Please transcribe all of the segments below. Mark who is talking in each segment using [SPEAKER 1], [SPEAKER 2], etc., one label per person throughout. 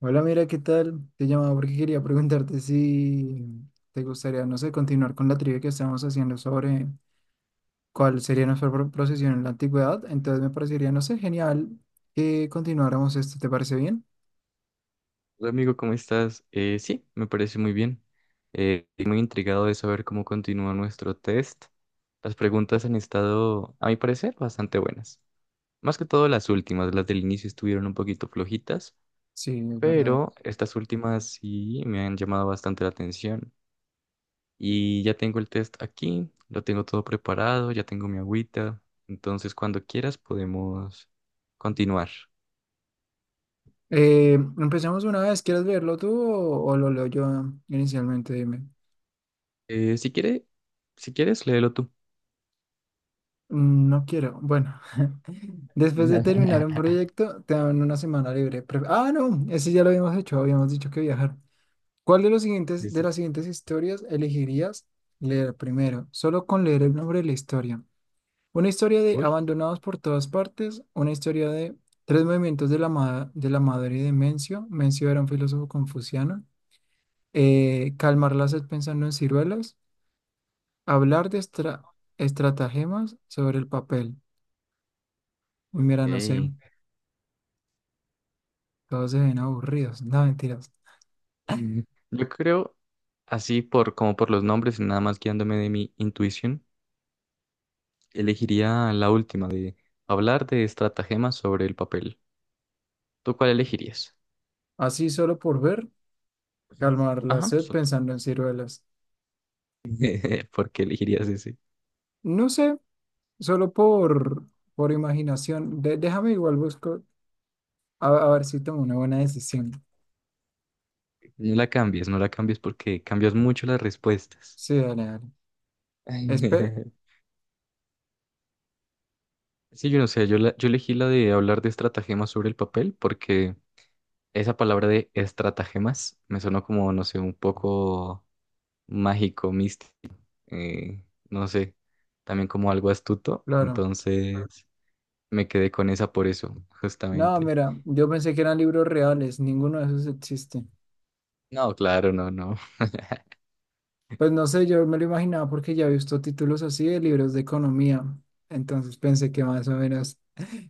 [SPEAKER 1] Hola, mira, ¿qué tal? Te llamaba porque quería preguntarte si te gustaría, no sé, continuar con la trivia que estamos haciendo sobre cuál sería nuestra procesión en la antigüedad. Entonces me parecería, no sé, genial que continuáramos esto. ¿Te parece bien?
[SPEAKER 2] Hola amigo, ¿cómo estás? Sí, me parece muy bien. Estoy muy intrigado de saber cómo continúa nuestro test. Las preguntas han estado, a mi parecer, bastante buenas. Más que todo las últimas, las del inicio estuvieron un poquito flojitas,
[SPEAKER 1] Sí, es verdad.
[SPEAKER 2] pero estas últimas sí me han llamado bastante la atención. Y ya tengo el test aquí, lo tengo todo preparado, ya tengo mi agüita. Entonces, cuando quieras podemos continuar.
[SPEAKER 1] Empecemos una vez. ¿Quieres leerlo tú o lo leo yo inicialmente? Dime.
[SPEAKER 2] Eh, si quiere, si quieres, léelo tú.
[SPEAKER 1] Mm, no quiero. Bueno, después de terminar un proyecto, te dan una semana libre. No, ese ya lo habíamos hecho. Habíamos dicho que viajar. ¿Cuál de
[SPEAKER 2] Sí,
[SPEAKER 1] de
[SPEAKER 2] sí.
[SPEAKER 1] las siguientes historias elegirías leer primero? Solo con leer el nombre de la historia. Una historia de
[SPEAKER 2] Uy.
[SPEAKER 1] Abandonados por todas partes, una historia de Tres movimientos de de la madre de Mencio. Mencio era un filósofo confuciano. Calmar la sed pensando en ciruelas. Hablar de estratagemas sobre el papel. Uy, mira, no sé,
[SPEAKER 2] Ey,
[SPEAKER 1] todos se ven aburridos. No, mentiras.
[SPEAKER 2] Mm, yo creo, así por los nombres y nada más guiándome de mi intuición, elegiría la última de hablar de estratagemas sobre el papel. ¿Tú cuál elegirías?
[SPEAKER 1] Así solo por ver, calmar la
[SPEAKER 2] Ajá,
[SPEAKER 1] sed pensando en ciruelas.
[SPEAKER 2] ¿por qué elegirías ese?
[SPEAKER 1] No sé. Solo por, por imaginación. Déjame igual busco a ver si tomo una buena decisión.
[SPEAKER 2] No la cambies, no la cambies porque cambias mucho las respuestas.
[SPEAKER 1] Sí, dale, dale. Espe-
[SPEAKER 2] Sí, yo no sé, yo elegí la de hablar de estratagemas sobre el papel porque esa palabra de estratagemas me sonó como, no sé, un poco mágico, místico. eh, no sé, también como algo astuto,
[SPEAKER 1] claro.
[SPEAKER 2] entonces me quedé con esa por eso,
[SPEAKER 1] No,
[SPEAKER 2] justamente.
[SPEAKER 1] mira, yo pensé que eran libros reales, ninguno de esos existe.
[SPEAKER 2] No, claro, no, no.
[SPEAKER 1] Pues no sé, yo me lo imaginaba porque ya he visto títulos así de libros de economía. Entonces pensé que más o menos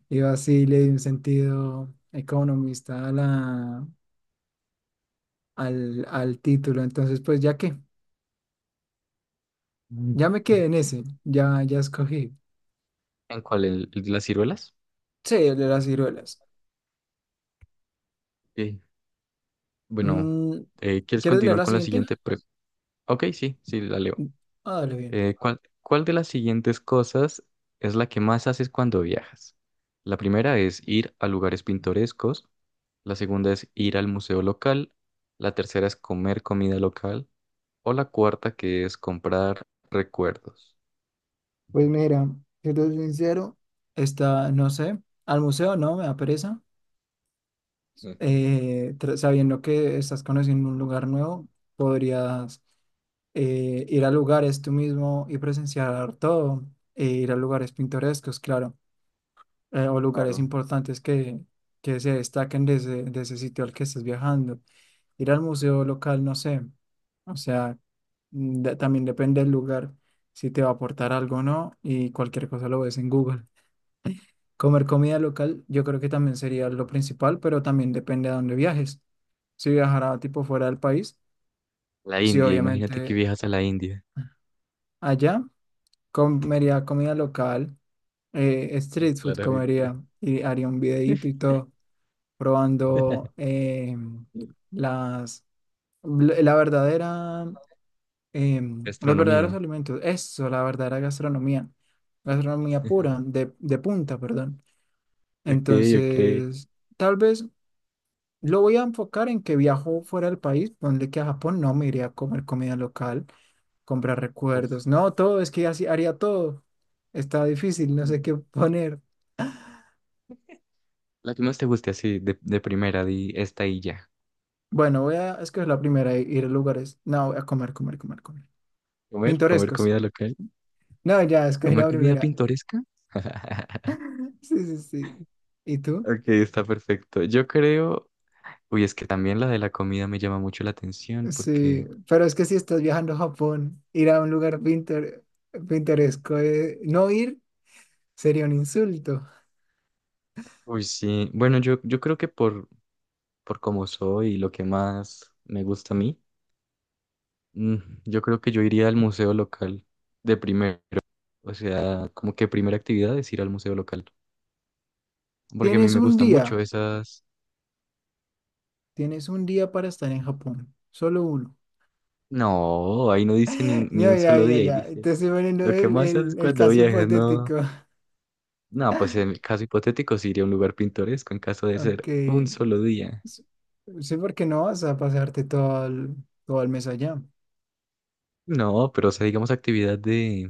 [SPEAKER 1] iba así, le di un sentido economista a al título. Entonces, pues ya que,
[SPEAKER 2] Mm.
[SPEAKER 1] ya me quedé en ese, ya, ya escogí.
[SPEAKER 2] ¿En cuál? ¿El de las ciruelas?
[SPEAKER 1] Sí, el de las ciruelas.
[SPEAKER 2] Ok, bueno,
[SPEAKER 1] Mm,
[SPEAKER 2] ¿quieres
[SPEAKER 1] ¿quieres leer
[SPEAKER 2] continuar
[SPEAKER 1] la
[SPEAKER 2] con la
[SPEAKER 1] siguiente?
[SPEAKER 2] siguiente Ok, sí, sí, la leo.
[SPEAKER 1] Mm, ah, dale bien.
[SPEAKER 2] ¿Cuál de las siguientes cosas es la que más haces cuando viajas? La primera es ir a lugares pintorescos, la segunda es ir al museo local, la tercera es comer comida local, o la cuarta, que es comprar recuerdos.
[SPEAKER 1] Pues mira, si te soy sincero, esta, no sé, al museo no, me da pereza.
[SPEAKER 2] Ujú.
[SPEAKER 1] Sabiendo que estás conociendo un lugar nuevo, podrías ir a lugares tú mismo y presenciar todo, e ir a lugares pintorescos, claro, o lugares
[SPEAKER 2] Claro.
[SPEAKER 1] importantes que se destaquen de ese sitio al que estás viajando. Ir al museo local, no sé. O sea, mm, también depende del lugar, si te va a aportar algo o no, y cualquier cosa lo ves en Google. Comer comida local, yo creo que también sería lo principal, pero también depende a dónde viajes. Si viajara tipo fuera del país,
[SPEAKER 2] La
[SPEAKER 1] sí,
[SPEAKER 2] India, imagínate que
[SPEAKER 1] obviamente
[SPEAKER 2] viajas a la India.
[SPEAKER 1] allá comería comida local,
[SPEAKER 2] Pues,
[SPEAKER 1] street food
[SPEAKER 2] claramente.
[SPEAKER 1] comería y haría un videíto y todo, probando las, la verdadera los verdaderos
[SPEAKER 2] Gastronomía.
[SPEAKER 1] alimentos, eso, la verdadera gastronomía, gastronomía pura, de punta, perdón.
[SPEAKER 2] Ok, ok.
[SPEAKER 1] Entonces, tal vez lo voy a enfocar en que viajo fuera del país, ponle que a Japón no me iría a comer comida local, comprar
[SPEAKER 2] Uf.
[SPEAKER 1] recuerdos, no, todo, es que así haría todo. Está difícil, no sé qué poner.
[SPEAKER 2] La que más te guste así, de primera, di esta y ya.
[SPEAKER 1] Bueno, voy a escoger la primera, i- ir a lugares, no, voy a comer, comer, comer, comer.
[SPEAKER 2] Comer, comer
[SPEAKER 1] Pintorescos.
[SPEAKER 2] comida local.
[SPEAKER 1] No, ya, escogí
[SPEAKER 2] Comer
[SPEAKER 1] la
[SPEAKER 2] comida
[SPEAKER 1] primera.
[SPEAKER 2] pintoresca.
[SPEAKER 1] Sí, sí, sí. ¿Y tú?
[SPEAKER 2] Ok, está perfecto. Yo creo, uy, es que también la de la comida me llama mucho la atención
[SPEAKER 1] Sí,
[SPEAKER 2] porque,
[SPEAKER 1] pero es que si estás viajando a Japón, ir a un lugar pintoresco, no ir sería un insulto.
[SPEAKER 2] uy, sí, bueno, yo creo que por cómo soy y lo que más me gusta a mí. Mm, yo creo que yo iría al museo local de primero, o sea, como que primera actividad es ir al museo local, porque a mí
[SPEAKER 1] Tienes
[SPEAKER 2] me
[SPEAKER 1] un
[SPEAKER 2] gustan mucho
[SPEAKER 1] día,
[SPEAKER 2] esas...
[SPEAKER 1] tienes un día para estar en Japón, solo uno.
[SPEAKER 2] No, ahí no dice ni
[SPEAKER 1] Ya,
[SPEAKER 2] un
[SPEAKER 1] ya,
[SPEAKER 2] solo
[SPEAKER 1] ya,
[SPEAKER 2] día, ahí
[SPEAKER 1] ya,
[SPEAKER 2] dice,
[SPEAKER 1] te estoy poniendo
[SPEAKER 2] lo que más haces
[SPEAKER 1] el
[SPEAKER 2] cuando
[SPEAKER 1] caso
[SPEAKER 2] viajes, no.
[SPEAKER 1] hipotético.
[SPEAKER 2] No, pues en el caso hipotético sí iría a un lugar pintoresco en caso de
[SPEAKER 1] Ok,
[SPEAKER 2] ser un solo día.
[SPEAKER 1] s- sí, porque no vas a pasarte todo el mes allá.
[SPEAKER 2] No, pero o sea, digamos actividad de...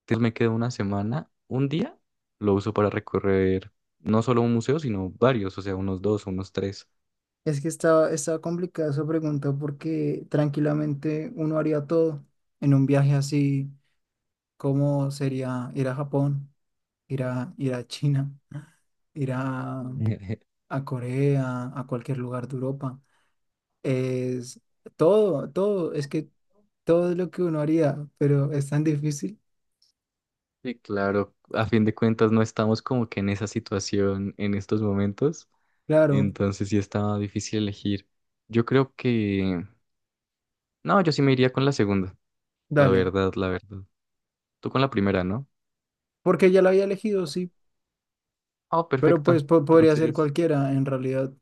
[SPEAKER 2] entonces me quedo una semana, un día, lo uso para recorrer no solo un museo, sino varios, o sea, unos dos, unos tres.
[SPEAKER 1] Es que estaba complicada esa pregunta porque tranquilamente uno haría todo en un viaje así. ¿Cómo sería ir a Japón? Ir a China, ir a Corea, a cualquier lugar de Europa. Es todo, todo, es que todo es lo que uno haría, pero es tan difícil.
[SPEAKER 2] Sí, claro, a fin de cuentas no estamos como que en esa situación en estos momentos,
[SPEAKER 1] Claro,
[SPEAKER 2] entonces sí estaba difícil elegir. Yo creo que... No, yo sí me iría con la segunda, la
[SPEAKER 1] dale.
[SPEAKER 2] verdad, la verdad. Tú con la primera, ¿no?
[SPEAKER 1] Porque ya lo había elegido, sí,
[SPEAKER 2] Oh,
[SPEAKER 1] pero pues
[SPEAKER 2] perfecto.
[SPEAKER 1] podría ser
[SPEAKER 2] Entonces,
[SPEAKER 1] cualquiera en realidad.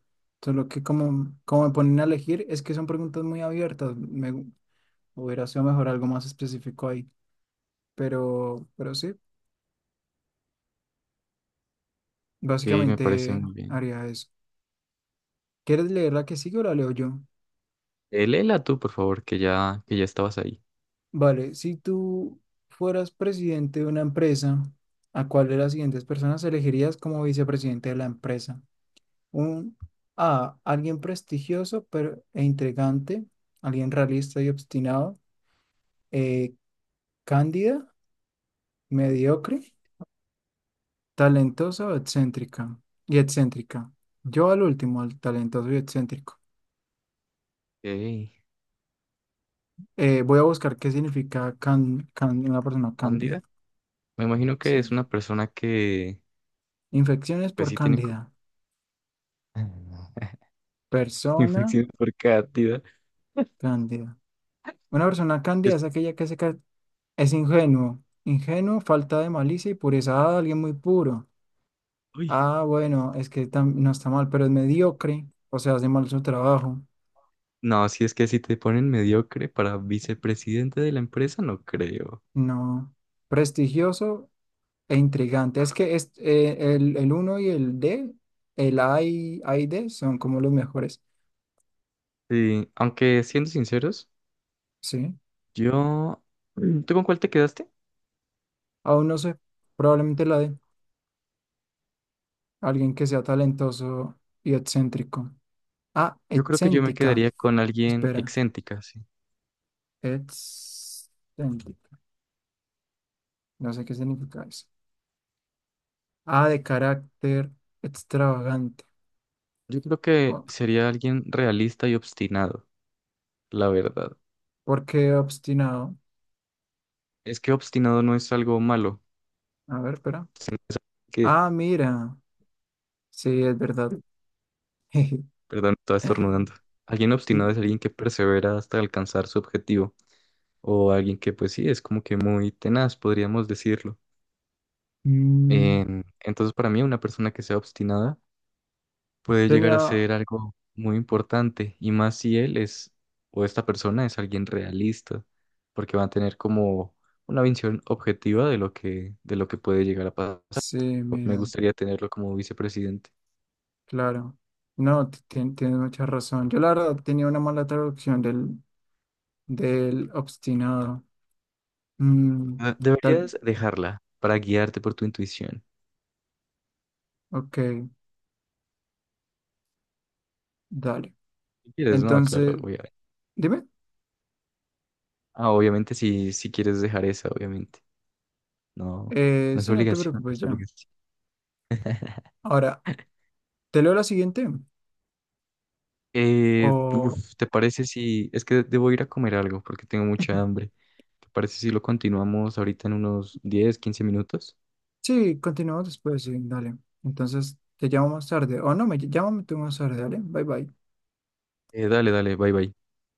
[SPEAKER 1] Solo que como me ponen a elegir, es que son preguntas muy abiertas. Me gu- hubiera sido mejor algo más específico ahí. Pero sí,
[SPEAKER 2] ok, me parece
[SPEAKER 1] básicamente
[SPEAKER 2] muy bien.
[SPEAKER 1] haría eso. ¿Quieres leer la que sigue o la leo yo?
[SPEAKER 2] Léela tú, por favor, que ya estabas ahí.
[SPEAKER 1] Vale, si tú fueras presidente de una empresa, ¿a cuál de las siguientes personas elegirías como vicepresidente de la empresa? Un Alguien prestigioso e intrigante, alguien realista y obstinado, eh, cándida, mediocre, talentosa o excéntrica y excéntrica. Yo al último, al talentoso y excéntrico.
[SPEAKER 2] Ok,
[SPEAKER 1] Voy a buscar qué significa una persona
[SPEAKER 2] cándida.
[SPEAKER 1] cándida.
[SPEAKER 2] Me imagino que es
[SPEAKER 1] Sí.
[SPEAKER 2] una persona que,
[SPEAKER 1] Infecciones
[SPEAKER 2] pues
[SPEAKER 1] por
[SPEAKER 2] sí tiene...
[SPEAKER 1] cándida. Persona.
[SPEAKER 2] Infección por cándida.
[SPEAKER 1] Cándida. Una persona cándida
[SPEAKER 2] Es-
[SPEAKER 1] es aquella es ingenuo. Ingenuo, falta de malicia y pureza. Ah, alguien muy puro.
[SPEAKER 2] Uy,
[SPEAKER 1] Ah, bueno, es que no está mal, pero es mediocre. O sea, hace mal su trabajo.
[SPEAKER 2] no, si es que si te ponen mediocre para vicepresidente de la empresa, no creo.
[SPEAKER 1] No. Prestigioso e intrigante. Es que es, el uno y el D, A y D son como los mejores.
[SPEAKER 2] Sí, aunque siendo sinceros,
[SPEAKER 1] Sí.
[SPEAKER 2] yo... Mm, ¿tú con cuál te quedaste?
[SPEAKER 1] Aún no sé. Probablemente la D. Alguien que sea talentoso y excéntrico. Ah,
[SPEAKER 2] Yo creo que yo me
[SPEAKER 1] excéntrica.
[SPEAKER 2] quedaría con alguien
[SPEAKER 1] Espera.
[SPEAKER 2] excéntrica, sí.
[SPEAKER 1] Excéntrica. No sé qué significa eso. A de carácter extravagante.
[SPEAKER 2] Yo creo que
[SPEAKER 1] Oh,
[SPEAKER 2] sería alguien realista y obstinado, la verdad.
[SPEAKER 1] ¿por qué obstinado?
[SPEAKER 2] Es que obstinado no es algo malo,
[SPEAKER 1] A ver, espera.
[SPEAKER 2] sino que,
[SPEAKER 1] Ah, mira. Sí, es verdad.
[SPEAKER 2] perdón, estaba estornudando. Alguien obstinado es alguien que persevera hasta alcanzar su objetivo, o alguien que pues sí, es como que muy tenaz, podríamos decirlo.
[SPEAKER 1] Mm,
[SPEAKER 2] Entonces, para mí, una persona que sea obstinada puede llegar a
[SPEAKER 1] tenía.
[SPEAKER 2] ser algo muy importante, y más si él es, o esta persona es alguien realista, porque va a tener como una visión objetiva de lo que puede llegar a pasar.
[SPEAKER 1] Sí,
[SPEAKER 2] Me
[SPEAKER 1] mira,
[SPEAKER 2] gustaría tenerlo como vicepresidente.
[SPEAKER 1] claro. No, tienes mucha razón. Yo la verdad tenía una mala traducción del obstinado. Mm,
[SPEAKER 2] Ah,
[SPEAKER 1] tal.
[SPEAKER 2] deberías dejarla para guiarte por tu intuición.
[SPEAKER 1] Ok, dale.
[SPEAKER 2] Si quieres, no, claro,
[SPEAKER 1] Entonces,
[SPEAKER 2] obviamente.
[SPEAKER 1] dime.
[SPEAKER 2] Ah, obviamente si quieres dejar esa, obviamente. No, no es
[SPEAKER 1] Sí, no te
[SPEAKER 2] obligación, no
[SPEAKER 1] preocupes
[SPEAKER 2] es
[SPEAKER 1] ya.
[SPEAKER 2] obligación.
[SPEAKER 1] Ahora, ¿te leo la siguiente? O.
[SPEAKER 2] Uf, ¿te parece si... Es que debo ir a comer algo porque tengo mucha hambre. ¿Te parece si lo continuamos ahorita en unos 10 15 minutos?
[SPEAKER 1] Sí, continuamos después, sí, dale. Entonces, te llamo más tarde. O no, me llamo tú más tarde, dale. Bye bye.
[SPEAKER 2] Dale, dale, bye bye.